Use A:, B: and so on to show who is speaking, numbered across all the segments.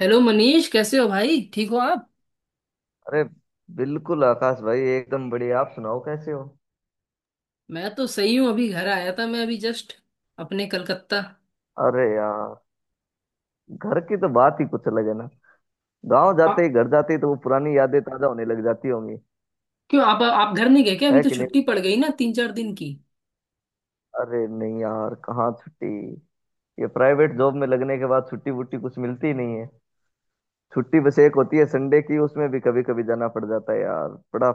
A: Hello Manish, कैसे हो भाई? ठीक हो आप?
B: अरे बिल्कुल आकाश भाई, एकदम बढ़िया। आप सुनाओ कैसे हो।
A: मैं तो सही हूँ। अभी घर आया था मैं, अभी जस्ट अपने कलकत्ता।
B: अरे यार, घर की तो बात ही कुछ अलग है ना। गांव
A: आ,
B: जाते ही, घर जाते ही तो वो पुरानी यादें ताजा होने लग जाती होंगी,
A: क्यों, आप घर नहीं गए क्या? अभी
B: है
A: तो
B: कि नहीं।
A: छुट्टी पड़ गई ना, 3 4 दिन की।
B: अरे नहीं यार, कहाँ छुट्टी। ये प्राइवेट जॉब में लगने के बाद छुट्टी वुट्टी कुछ मिलती ही नहीं है। छुट्टी बस एक होती है संडे की, उसमें भी कभी कभी जाना पड़ जाता है यार। बड़ा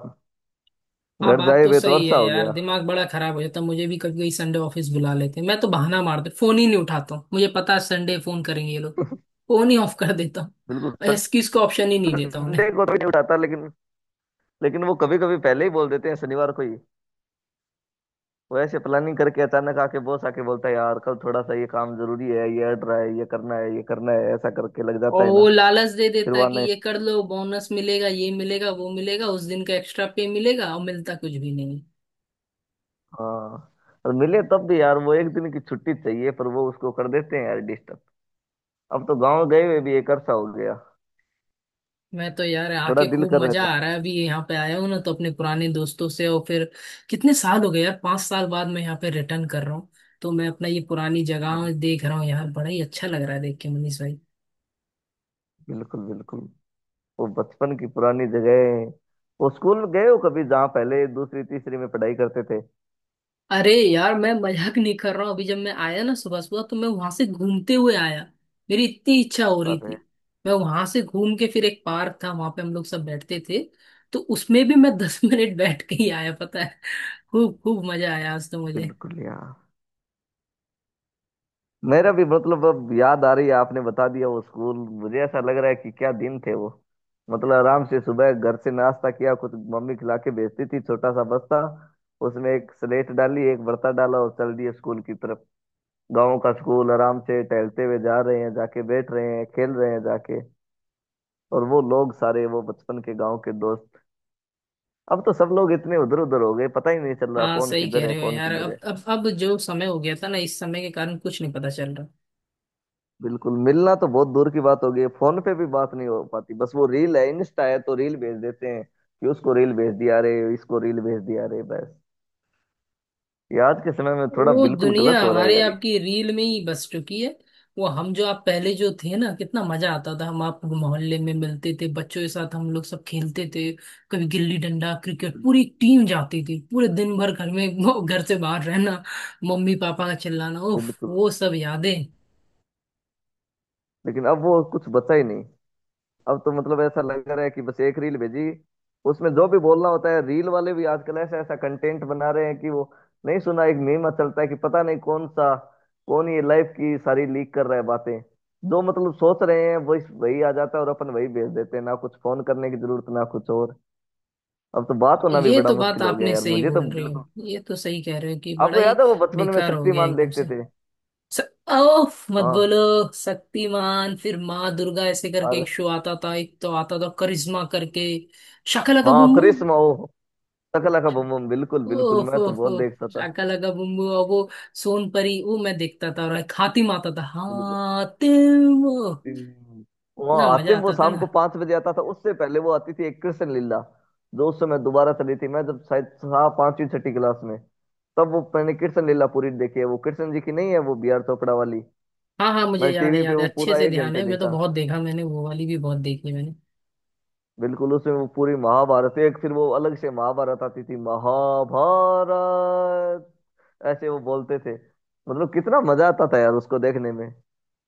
A: हाँ,
B: घर
A: बात
B: जाए
A: तो
B: हुए तो
A: सही है
B: अरसा हो
A: यार।
B: गया।
A: दिमाग बड़ा खराब हो जाता। मुझे भी कभी कभी संडे ऑफिस बुला लेते हैं। मैं तो बहाना मारते फोन ही नहीं उठाता हूँ। मुझे पता है संडे फोन करेंगे ये लोग। फोन ही ऑफ कर देता
B: बिल्कुल।
A: हूँ, एक्सक्यूज का ऑप्शन ही नहीं देता उन्हें।
B: संडे को तो नहीं उठाता, लेकिन लेकिन वो कभी कभी पहले ही बोल देते हैं शनिवार को ही। वो ऐसे प्लानिंग करके अचानक आके, बॉस आके बोलता है यार कल थोड़ा सा ये काम जरूरी है, ये अड़ रहा है, ये करना है, ये करना है, ऐसा करके लग जाता
A: और
B: है ना।
A: वो लालच दे
B: फिर
A: देता
B: वो
A: है कि
B: आने
A: ये कर लो, बोनस मिलेगा, ये मिलेगा, वो मिलेगा, उस दिन का एक्स्ट्रा पे मिलेगा, और मिलता कुछ भी नहीं।
B: हाँ। और मिले तब भी यार, वो एक दिन की छुट्टी चाहिए, पर वो उसको कर देते हैं यार डिस्टर्ब। अब तो गांव गए हुए भी एक अरसा हो गया।
A: मैं तो यार
B: बड़ा
A: आके
B: दिल
A: खूब
B: कर रहा है
A: मजा आ
B: जाना।
A: रहा है। अभी यहाँ पे आया हूँ ना, तो अपने पुराने दोस्तों से। और फिर कितने साल हो गए यार, 5 साल बाद मैं यहाँ पे रिटर्न कर रहा हूँ। तो मैं अपना ये पुरानी
B: अरे
A: जगह देख रहा हूँ यार, बड़ा ही अच्छा लग रहा है देख के, मनीष भाई।
B: बिल्कुल, बिल्कुल। वो बचपन की पुरानी जगह है। वो स्कूल गए हो कभी जहाँ पहले, दूसरी, तीसरी में पढ़ाई करते थे।
A: अरे यार, मैं मजाक नहीं कर रहा हूँ। अभी जब मैं आया ना सुबह सुबह, तो मैं वहां से घूमते हुए आया, मेरी इतनी इच्छा हो रही
B: अरे
A: थी। मैं वहां से घूम के, फिर एक पार्क था वहां पे हम लोग सब बैठते थे, तो उसमें भी मैं 10 मिनट बैठ के ही आया, पता है। खूब खूब मजा आया आज तो मुझे।
B: बिल्कुल यार। मेरा भी, मतलब अब याद आ रही है, आपने बता दिया वो स्कूल। मुझे ऐसा लग रहा है कि क्या दिन थे वो। मतलब आराम से सुबह घर से नाश्ता किया कुछ, मम्मी खिला के भेजती थी, छोटा सा बस्ता। उसमें एक स्लेट डाली, एक बर्ता डाला और चल दिए स्कूल की तरफ। गांव का स्कूल, आराम से टहलते हुए जा रहे हैं, जाके बैठ रहे हैं, खेल रहे हैं जाके। और वो लोग सारे, वो बचपन के गांव के दोस्त, अब तो सब लोग इतने उधर उधर हो गए, पता ही नहीं चल रहा
A: हाँ,
B: कौन
A: सही कह
B: किधर है,
A: रहे हो
B: कौन
A: यार।
B: किधर
A: अब
B: है।
A: अब अब जो समय हो गया था ना, इस समय के कारण कुछ नहीं पता चल रहा।
B: बिल्कुल, मिलना तो बहुत दूर की बात हो गई है। फोन पे भी बात नहीं हो पाती, बस वो रील है, इंस्टा है, तो रील भेज देते हैं कि उसको रील भेज दिया रे, इसको रील भेज दिया रे, बस। ये आज के समय में थोड़ा
A: वो
B: बिल्कुल
A: दुनिया
B: गलत हो रहा है
A: हमारे
B: यार ये।
A: आपकी रील में ही बस चुकी है। वो हम जो आप पहले जो थे ना, कितना मजा आता था। हम आप मोहल्ले में मिलते थे, बच्चों के साथ हम लोग सब खेलते थे। कभी गिल्ली डंडा, क्रिकेट, पूरी टीम जाती थी। पूरे दिन भर घर में, वो घर से बाहर रहना, मम्मी पापा का चिल्लाना, उफ
B: बिल्कुल।
A: वो सब यादें।
B: लेकिन अब वो कुछ बचा ही नहीं। अब तो मतलब ऐसा लग रहा है कि बस एक रील भेजी, उसमें जो भी बोलना होता है। रील वाले भी आजकल ऐसा ऐसा कंटेंट बना रहे हैं कि वो नहीं सुना एक मीम चलता है कि पता नहीं कौन सा, कौन ये लाइफ की सारी लीक कर रहा है बातें। जो मतलब सोच रहे हैं वही वही आ जाता है, और अपन वही भेज देते हैं ना, कुछ फोन करने की जरूरत ना, कुछ और। अब तो बात होना भी
A: ये
B: बड़ा
A: तो बात
B: मुश्किल हो गया
A: आपने
B: यार,
A: सही
B: मुझे तो
A: बोल रही
B: बिल्कुल।
A: हो, ये तो सही कह रहे हो कि बड़ा
B: आपको
A: ही
B: याद है वो बचपन में
A: बेकार हो गया
B: शक्तिमान
A: एकदम
B: देखते
A: से।
B: थे।
A: स- ओह, मत
B: हाँ।
A: बोलो। शक्तिमान, फिर माँ दुर्गा, ऐसे करके
B: अरे
A: एक शो आता था। एक तो आता था करिश्मा करके। शाका लाका
B: हाँ,
A: बूम बूम।
B: कृष्ण ओ। शकला का बम बम, बिल्कुल बिल्कुल,
A: ओह
B: मैं तो
A: ओह
B: बहुत देखता
A: ओह,
B: था।
A: Shaka Laka boom boom. और वो सोन परी, वो मैं देखता था। और एक हातिम आता था,
B: बिल्कुल।
A: हातिम।
B: हम्म।
A: इतना
B: वहाँ
A: मजा
B: आतिम वो
A: आता था
B: शाम
A: ना।
B: को 5 बजे आता था, उससे पहले वो आती थी एक कृष्ण लीला। जो उस समय दोबारा चली थी, मैं जब शायद था पांचवी छठी क्लास में, तब वो मैंने कृष्ण लीला पूरी देखी है। वो कृष्ण जी की नहीं है, वो बी आर चोपड़ा वाली।
A: हाँ हाँ, मुझे
B: मैंने
A: याद है,
B: टीवी पे
A: याद है,
B: वो
A: अच्छे
B: पूरा
A: से
B: एक
A: ध्यान
B: घंटे
A: है। मैं तो
B: देखा।
A: बहुत देखा मैंने, वो वाली भी बहुत देखी मैंने।
B: बिल्कुल, उसमें वो पूरी महाभारत, एक फिर वो अलग से महाभारत आती थी, महाभारत ऐसे वो बोलते थे। मतलब कितना मजा आता था यार उसको देखने में।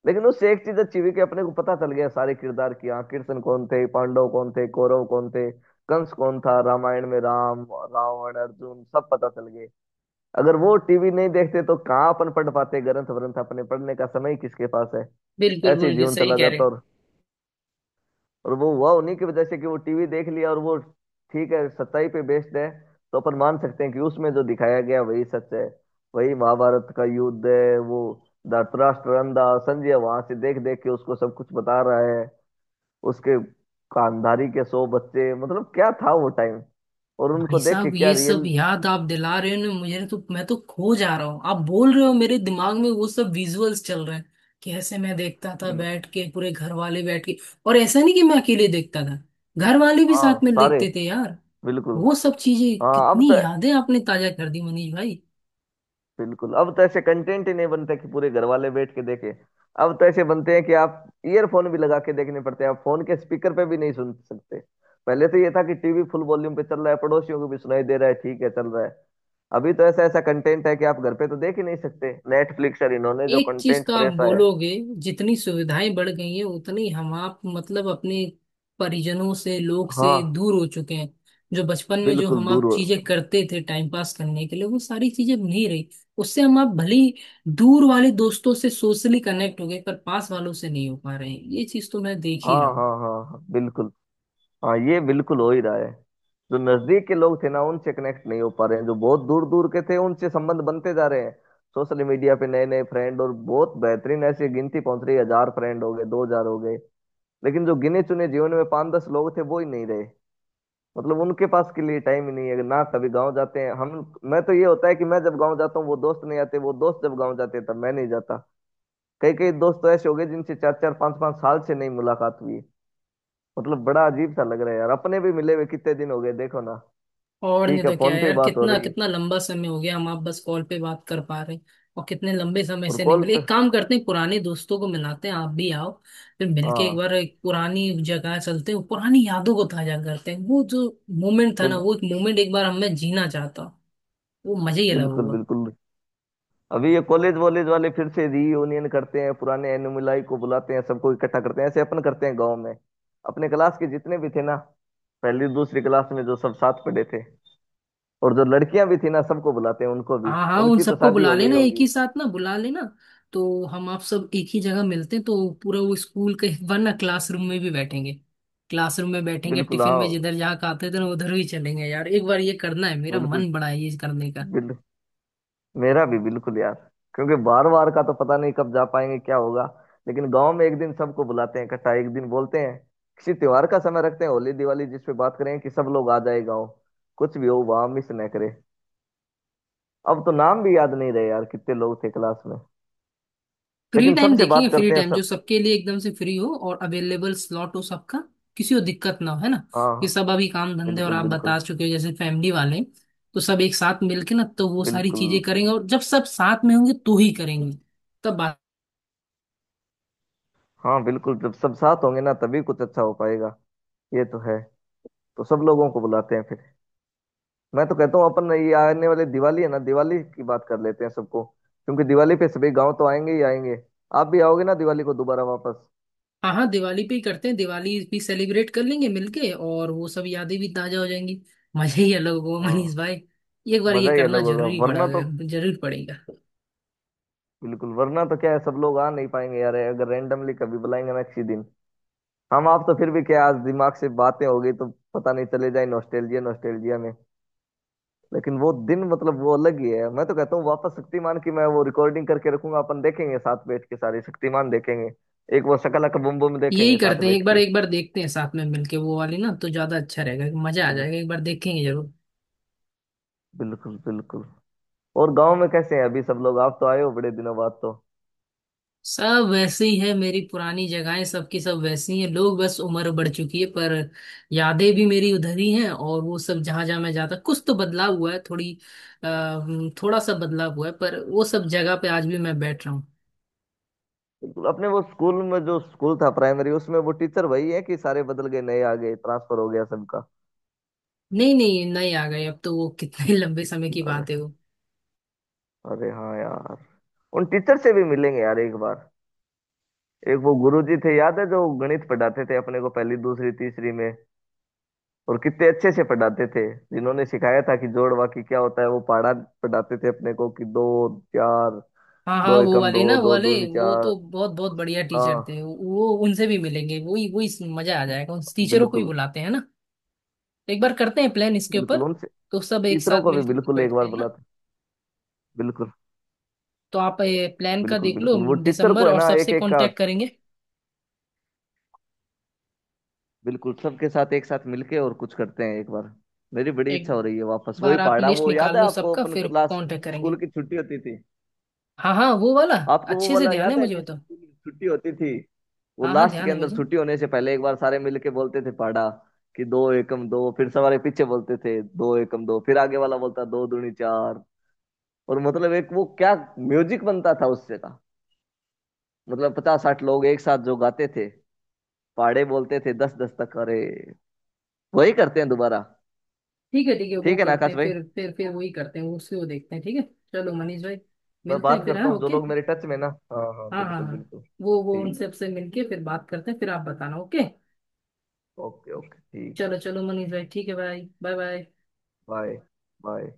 B: लेकिन उससे एक चीज अच्छी हुई कि अपने को पता चल गया सारे किरदार की, हाँ, कृष्ण कौन थे, पांडव कौन थे, कौरव कौन थे, कंस कौन था, रामायण में राम, रावण, अर्जुन सब पता चल गए। अगर वो टीवी नहीं देखते तो कहाँ अपन पढ़ पाते ग्रंथ व्रंथ, अपने पढ़ने का समय ही किसके पास है।
A: बिल्कुल
B: ऐसे ही
A: बिल्कुल,
B: जीवन
A: सही
B: चला
A: कह रहे।
B: जाता। और वो हुआ उन्हीं की वजह से कि वो टीवी देख लिया, और वो ठीक है, सच्चाई पे बेस्ड है। तो अपन मान सकते हैं कि उसमें जो दिखाया गया वही सच है। वही महाभारत का युद्ध है वो। धृतराष्ट्र अंधा, संजय वहां से देख देख के उसको सब कुछ बता रहा है। उसके खानदारी के 100 बच्चे, मतलब क्या था वो टाइम। और उनको
A: भाई
B: देख के
A: साहब,
B: क्या
A: ये सब
B: रियल।
A: याद आप दिला रहे हो ना, मुझे तो मैं तो खो जा रहा हूँ। आप बोल रहे हो, मेरे दिमाग में वो सब विजुअल्स चल रहे हैं। कैसे मैं देखता था
B: बिल्कुल।
A: बैठ के, पूरे घर वाले बैठ के। और ऐसा नहीं कि मैं अकेले देखता था, घर वाले भी
B: हाँ
A: साथ में
B: सारे।
A: देखते थे यार।
B: बिल्कुल।
A: वो सब चीजें,
B: हाँ अब तो
A: कितनी यादें आपने ताजा कर दी मनीष भाई।
B: बिल्कुल। अब तो ऐसे कंटेंट ही नहीं बनते कि पूरे घर वाले बैठ के देखें। अब तो ऐसे बनते हैं कि आप ईयरफोन भी लगा के देखने पड़ते हैं, आप फोन के स्पीकर पे भी नहीं सुन सकते। पहले तो ये था कि टीवी फुल वॉल्यूम पे चल रहा है, पड़ोसियों को भी सुनाई दे रहा है, ठीक है चल रहा है। अभी तो ऐसा ऐसा कंटेंट है कि आप घर पे तो देख ही नहीं सकते, नेटफ्लिक्स और इन्होंने जो
A: एक चीज
B: कंटेंट
A: तो आप
B: प्रेस है।
A: बोलोगे, जितनी सुविधाएं बढ़ गई हैं, उतनी हम आप मतलब अपने परिजनों से, लोग से
B: हाँ।
A: दूर हो चुके हैं। जो बचपन में जो
B: बिल्कुल
A: हम
B: दूर
A: आप
B: हो।
A: चीजें करते थे टाइम पास करने के लिए, वो सारी चीजें अब नहीं रही। उससे हम आप भले ही दूर वाले दोस्तों से सोशली कनेक्ट हो गए, पर पास वालों से नहीं हो पा रहे हैं। ये चीज तो मैं देख ही
B: हाँ,
A: रहा हूँ।
B: हाँ, हाँ, हाँ, बिल्कुल। हाँ ये बिल्कुल हो ही रहा है। जो नजदीक के लोग थे ना, उनसे कनेक्ट नहीं हो पा रहे हैं, जो बहुत दूर दूर के थे उनसे संबंध बनते जा रहे हैं। सोशल मीडिया पे नए नए फ्रेंड, और बहुत बेहतरीन ऐसी गिनती पहुंच रही है, 1,000 फ्रेंड हो गए, 2,000 हो गए। लेकिन जो गिने चुने जीवन में पांच दस लोग थे, वो ही नहीं रहे। मतलब उनके पास के लिए टाइम ही नहीं है ना। कभी गाँव जाते हैं हम, मैं तो ये होता है कि मैं जब गाँव जाता हूँ वो दोस्त नहीं आते, वो दोस्त जब गाँव जाते हैं तब मैं नहीं जाता। कई कई दोस्त तो ऐसे हो गए जिनसे चार चार पांच पांच साल से नहीं मुलाकात हुई। मतलब बड़ा अजीब सा लग रहा है यार, अपने भी मिले हुए कितने दिन हो गए देखो ना।
A: और नहीं
B: ठीक है,
A: तो क्या
B: फोन पे ही
A: यार,
B: बात हो
A: कितना
B: रही है।
A: कितना लंबा समय हो गया। हम आप बस कॉल पे बात कर पा रहे हैं, और कितने लंबे समय
B: और
A: से नहीं
B: कॉल
A: मिले।
B: पे,
A: एक काम करते हैं, पुराने दोस्तों को मिलाते हैं, आप भी आओ। फिर मिलके एक
B: हाँ।
A: बार एक पुरानी जगह चलते हैं, पुरानी यादों को ताजा करते हैं। वो जो मोमेंट था ना,
B: बिल,
A: वो एक मोमेंट एक बार हमें जीना चाहता हूँ। वो मजा ही अलग
B: बिल्कुल
A: होगा।
B: बिल्कुल। अभी ये कॉलेज वॉलेज वाले फिर से रीयूनियन करते हैं, पुराने एनुमिलाई को बुलाते हैं, सबको इकट्ठा करते हैं, ऐसे अपन करते हैं गांव में। अपने क्लास के जितने भी थे ना, पहली दूसरी क्लास में जो सब साथ पढ़े थे, और जो लड़कियां भी थी ना, सबको बुलाते हैं उनको भी।
A: हाँ हाँ, उन
B: उनकी तो
A: सबको
B: शादी
A: बुला
B: हो गई
A: लेना एक
B: होंगी।
A: ही साथ ना, बुला लेना। तो हम आप सब एक ही जगह मिलते हैं, तो पूरा वो स्कूल के वरना क्लासरूम में भी बैठेंगे। क्लासरूम में बैठेंगे,
B: बिल्कुल,
A: टिफिन
B: हाँ
A: में जिधर जहाँ खाते थे ना, उधर ही चलेंगे यार। एक बार ये करना है, मेरा
B: बिल्कुल
A: मन बड़ा है ये करने का।
B: बिल्कुल, मेरा भी बिल्कुल यार। क्योंकि बार बार का तो पता नहीं कब जा पाएंगे क्या होगा। लेकिन गांव में एक दिन सबको बुलाते हैं इकट्ठा, एक दिन बोलते हैं, किसी त्योहार का समय रखते हैं, होली दिवाली जिस पे बात करें कि सब लोग आ जाए गाँव, कुछ भी हो वहां मिस न करे। अब तो नाम भी याद नहीं रहे यार कितने लोग थे क्लास में।
A: फ्री
B: लेकिन
A: टाइम
B: सबसे
A: देखेंगे,
B: बात
A: फ्री
B: करते हैं
A: टाइम जो
B: सब।
A: सबके लिए एकदम से फ्री हो और अवेलेबल स्लॉट हो सबका, किसी को दिक्कत ना हो, है ना।
B: हाँ
A: ये
B: हाँ।
A: सब अभी काम धंधे, और
B: बिल्कुल
A: आप बता
B: बिल्कुल
A: चुके हो जैसे फैमिली वाले। तो सब एक साथ मिलके ना, तो वो सारी
B: बिल्कुल।
A: चीजें करेंगे, और जब सब साथ में होंगे तो ही करेंगे तब।
B: हाँ बिल्कुल, जब सब साथ होंगे ना तभी कुछ अच्छा हो पाएगा। ये तो है। तो सब लोगों को बुलाते हैं फिर। मैं तो कहता हूँ अपन ये आने वाले दिवाली है ना, दिवाली की बात कर लेते हैं सबको, क्योंकि दिवाली पे सभी गांव तो आएंगे ही आएंगे। आप भी आओगे ना दिवाली को दोबारा वापस।
A: हाँ हाँ, दिवाली पे ही करते हैं, दिवाली भी सेलिब्रेट कर लेंगे मिलके, और वो सब यादें भी ताजा हो जाएंगी। मजा ही अलग होगा मनीष
B: हाँ,
A: भाई। एक बार
B: मजा
A: ये
B: ही अलग
A: करना
B: होगा
A: जरूरी पड़ा,
B: वरना तो।
A: जरूर पड़ेगा।
B: बिल्कुल, वरना तो क्या है, सब लोग आ नहीं पाएंगे यार, अगर रैंडमली कभी बुलाएंगे ना किसी दिन। हम आप तो फिर भी क्या, आज दिमाग से बातें हो गई तो पता नहीं चले जाए नॉस्टैल्जिया, नॉस्टैल्जिया में। लेकिन वो दिन मतलब वो अलग ही है। मैं तो कहता हूँ वापस शक्तिमान की, मैं वो रिकॉर्डिंग करके रखूंगा, अपन देखेंगे साथ बैठ के सारे शक्तिमान देखेंगे। एक वो शकला का बुम बुम
A: यही
B: देखेंगे साथ
A: करते हैं,
B: बैठ
A: एक बार देखते हैं साथ में मिलके। वो वाली ना तो ज्यादा अच्छा रहेगा, मजा आ
B: के।
A: जाएगा, एक बार देखेंगे जरूर।
B: बिल्कुल बिल्कुल। और गांव में कैसे हैं अभी सब लोग, आप तो आए हो बड़े दिनों बाद तो।
A: सब वैसे ही है, मेरी पुरानी जगहें सबकी सब वैसी हैं, लोग बस उम्र बढ़ चुकी है। पर यादें भी मेरी उधर ही हैं, और वो सब जहां जहां मैं जाता, कुछ तो बदलाव हुआ है, थोड़ी अ, थोड़ा सा बदलाव हुआ है, पर वो सब जगह पे आज भी मैं बैठ रहा हूँ।
B: बिल्कुल, अपने वो स्कूल में जो स्कूल था प्राइमरी, उसमें वो टीचर वही है कि सारे बदल गए, नए आ गए, ट्रांसफर हो गया सबका।
A: नहीं नहीं नहीं आ गए। अब तो वो कितने लंबे समय की
B: अरे,
A: बात है वो।
B: अरे हाँ यार, उन टीचर से भी मिलेंगे यार एक बार। एक वो गुरुजी थे याद है जो गणित पढ़ाते थे अपने को पहली, दूसरी, तीसरी में, और कितने अच्छे से पढ़ाते थे। जिन्होंने सिखाया था कि जोड़ बाकी क्या होता है, वो पढ़ाते थे अपने को कि दो चार,
A: हाँ हाँ,
B: दो
A: वो
B: एकम
A: वाले ना,
B: दो,
A: वो
B: दो
A: वाले,
B: दूनी
A: वो
B: चार।
A: तो बहुत बहुत बढ़िया टीचर
B: हाँ
A: थे वो। उनसे भी मिलेंगे, वही वही मजा आ जाएगा, उन टीचरों को ही
B: बिल्कुल।
A: बुलाते हैं ना। एक बार करते हैं प्लान इसके ऊपर,
B: बिल्कुल उन
A: तो सब एक
B: टीचरों
A: साथ
B: को भी
A: मिलकर
B: बिल्कुल एक
A: बैठते
B: बार
A: हैं ना।
B: बुलाते। बिल्कुल
A: तो आप प्लान का
B: बिल्कुल।
A: देख लो,
B: बिल्कुल वो टीचर
A: दिसंबर,
B: को है
A: और
B: ना, एक
A: सबसे
B: एक का
A: कांटेक्ट करेंगे।
B: बिल्कुल, सबके साथ एक साथ मिलके और कुछ करते हैं एक बार। मेरी बड़ी
A: एक
B: इच्छा हो रही है वापस वही
A: बार आप
B: पहाड़ा,
A: लिस्ट
B: वो याद
A: निकाल
B: है
A: लो
B: आपको
A: सबका,
B: अपन
A: फिर
B: क्लास,
A: कांटेक्ट
B: स्कूल
A: करेंगे।
B: की छुट्टी होती थी।
A: हाँ हाँ, वो वाला
B: आपको वो
A: अच्छे से
B: वाला
A: ध्यान है
B: याद है
A: मुझे, वो
B: कि
A: तो।
B: स्कूल की छुट्टी होती थी। वो
A: हाँ हाँ,
B: लास्ट
A: ध्यान
B: के
A: है
B: अंदर
A: मुझे।
B: छुट्टी होने से पहले एक बार सारे मिलके बोलते थे पहाड़ा, कि दो एकम दो, फिर सवारे पीछे बोलते थे दो एकम दो, फिर आगे वाला बोलता दो दूनी चार। और मतलब एक वो क्या म्यूजिक बनता था उससे का। मतलब 50-60 लोग एक साथ जो गाते थे, पाड़े बोलते थे, दस दस्तक, अरे वही करते हैं दोबारा।
A: ठीक है ठीक है, वो
B: ठीक है ना
A: करते
B: आकाश
A: हैं
B: भाई।
A: फिर। फिर वही करते हैं, उसी, वो देखते हैं, ठीक है। चलो मनीष भाई,
B: मैं
A: मिलते हैं
B: बात
A: फिर, हाँ,
B: करता हूँ जो
A: ओके।
B: लोग मेरे टच में ना। हाँ हाँ
A: हाँ हाँ
B: बिल्कुल
A: हाँ,
B: बिल्कुल,
A: वो
B: ठीक।
A: उनसे आपसे मिलके फिर बात करते हैं, फिर आप बताना, ओके।
B: ओके ओके ठीक।
A: चलो चलो मनीष भाई, ठीक है भाई, बाय बाय।
B: बाय। बाय।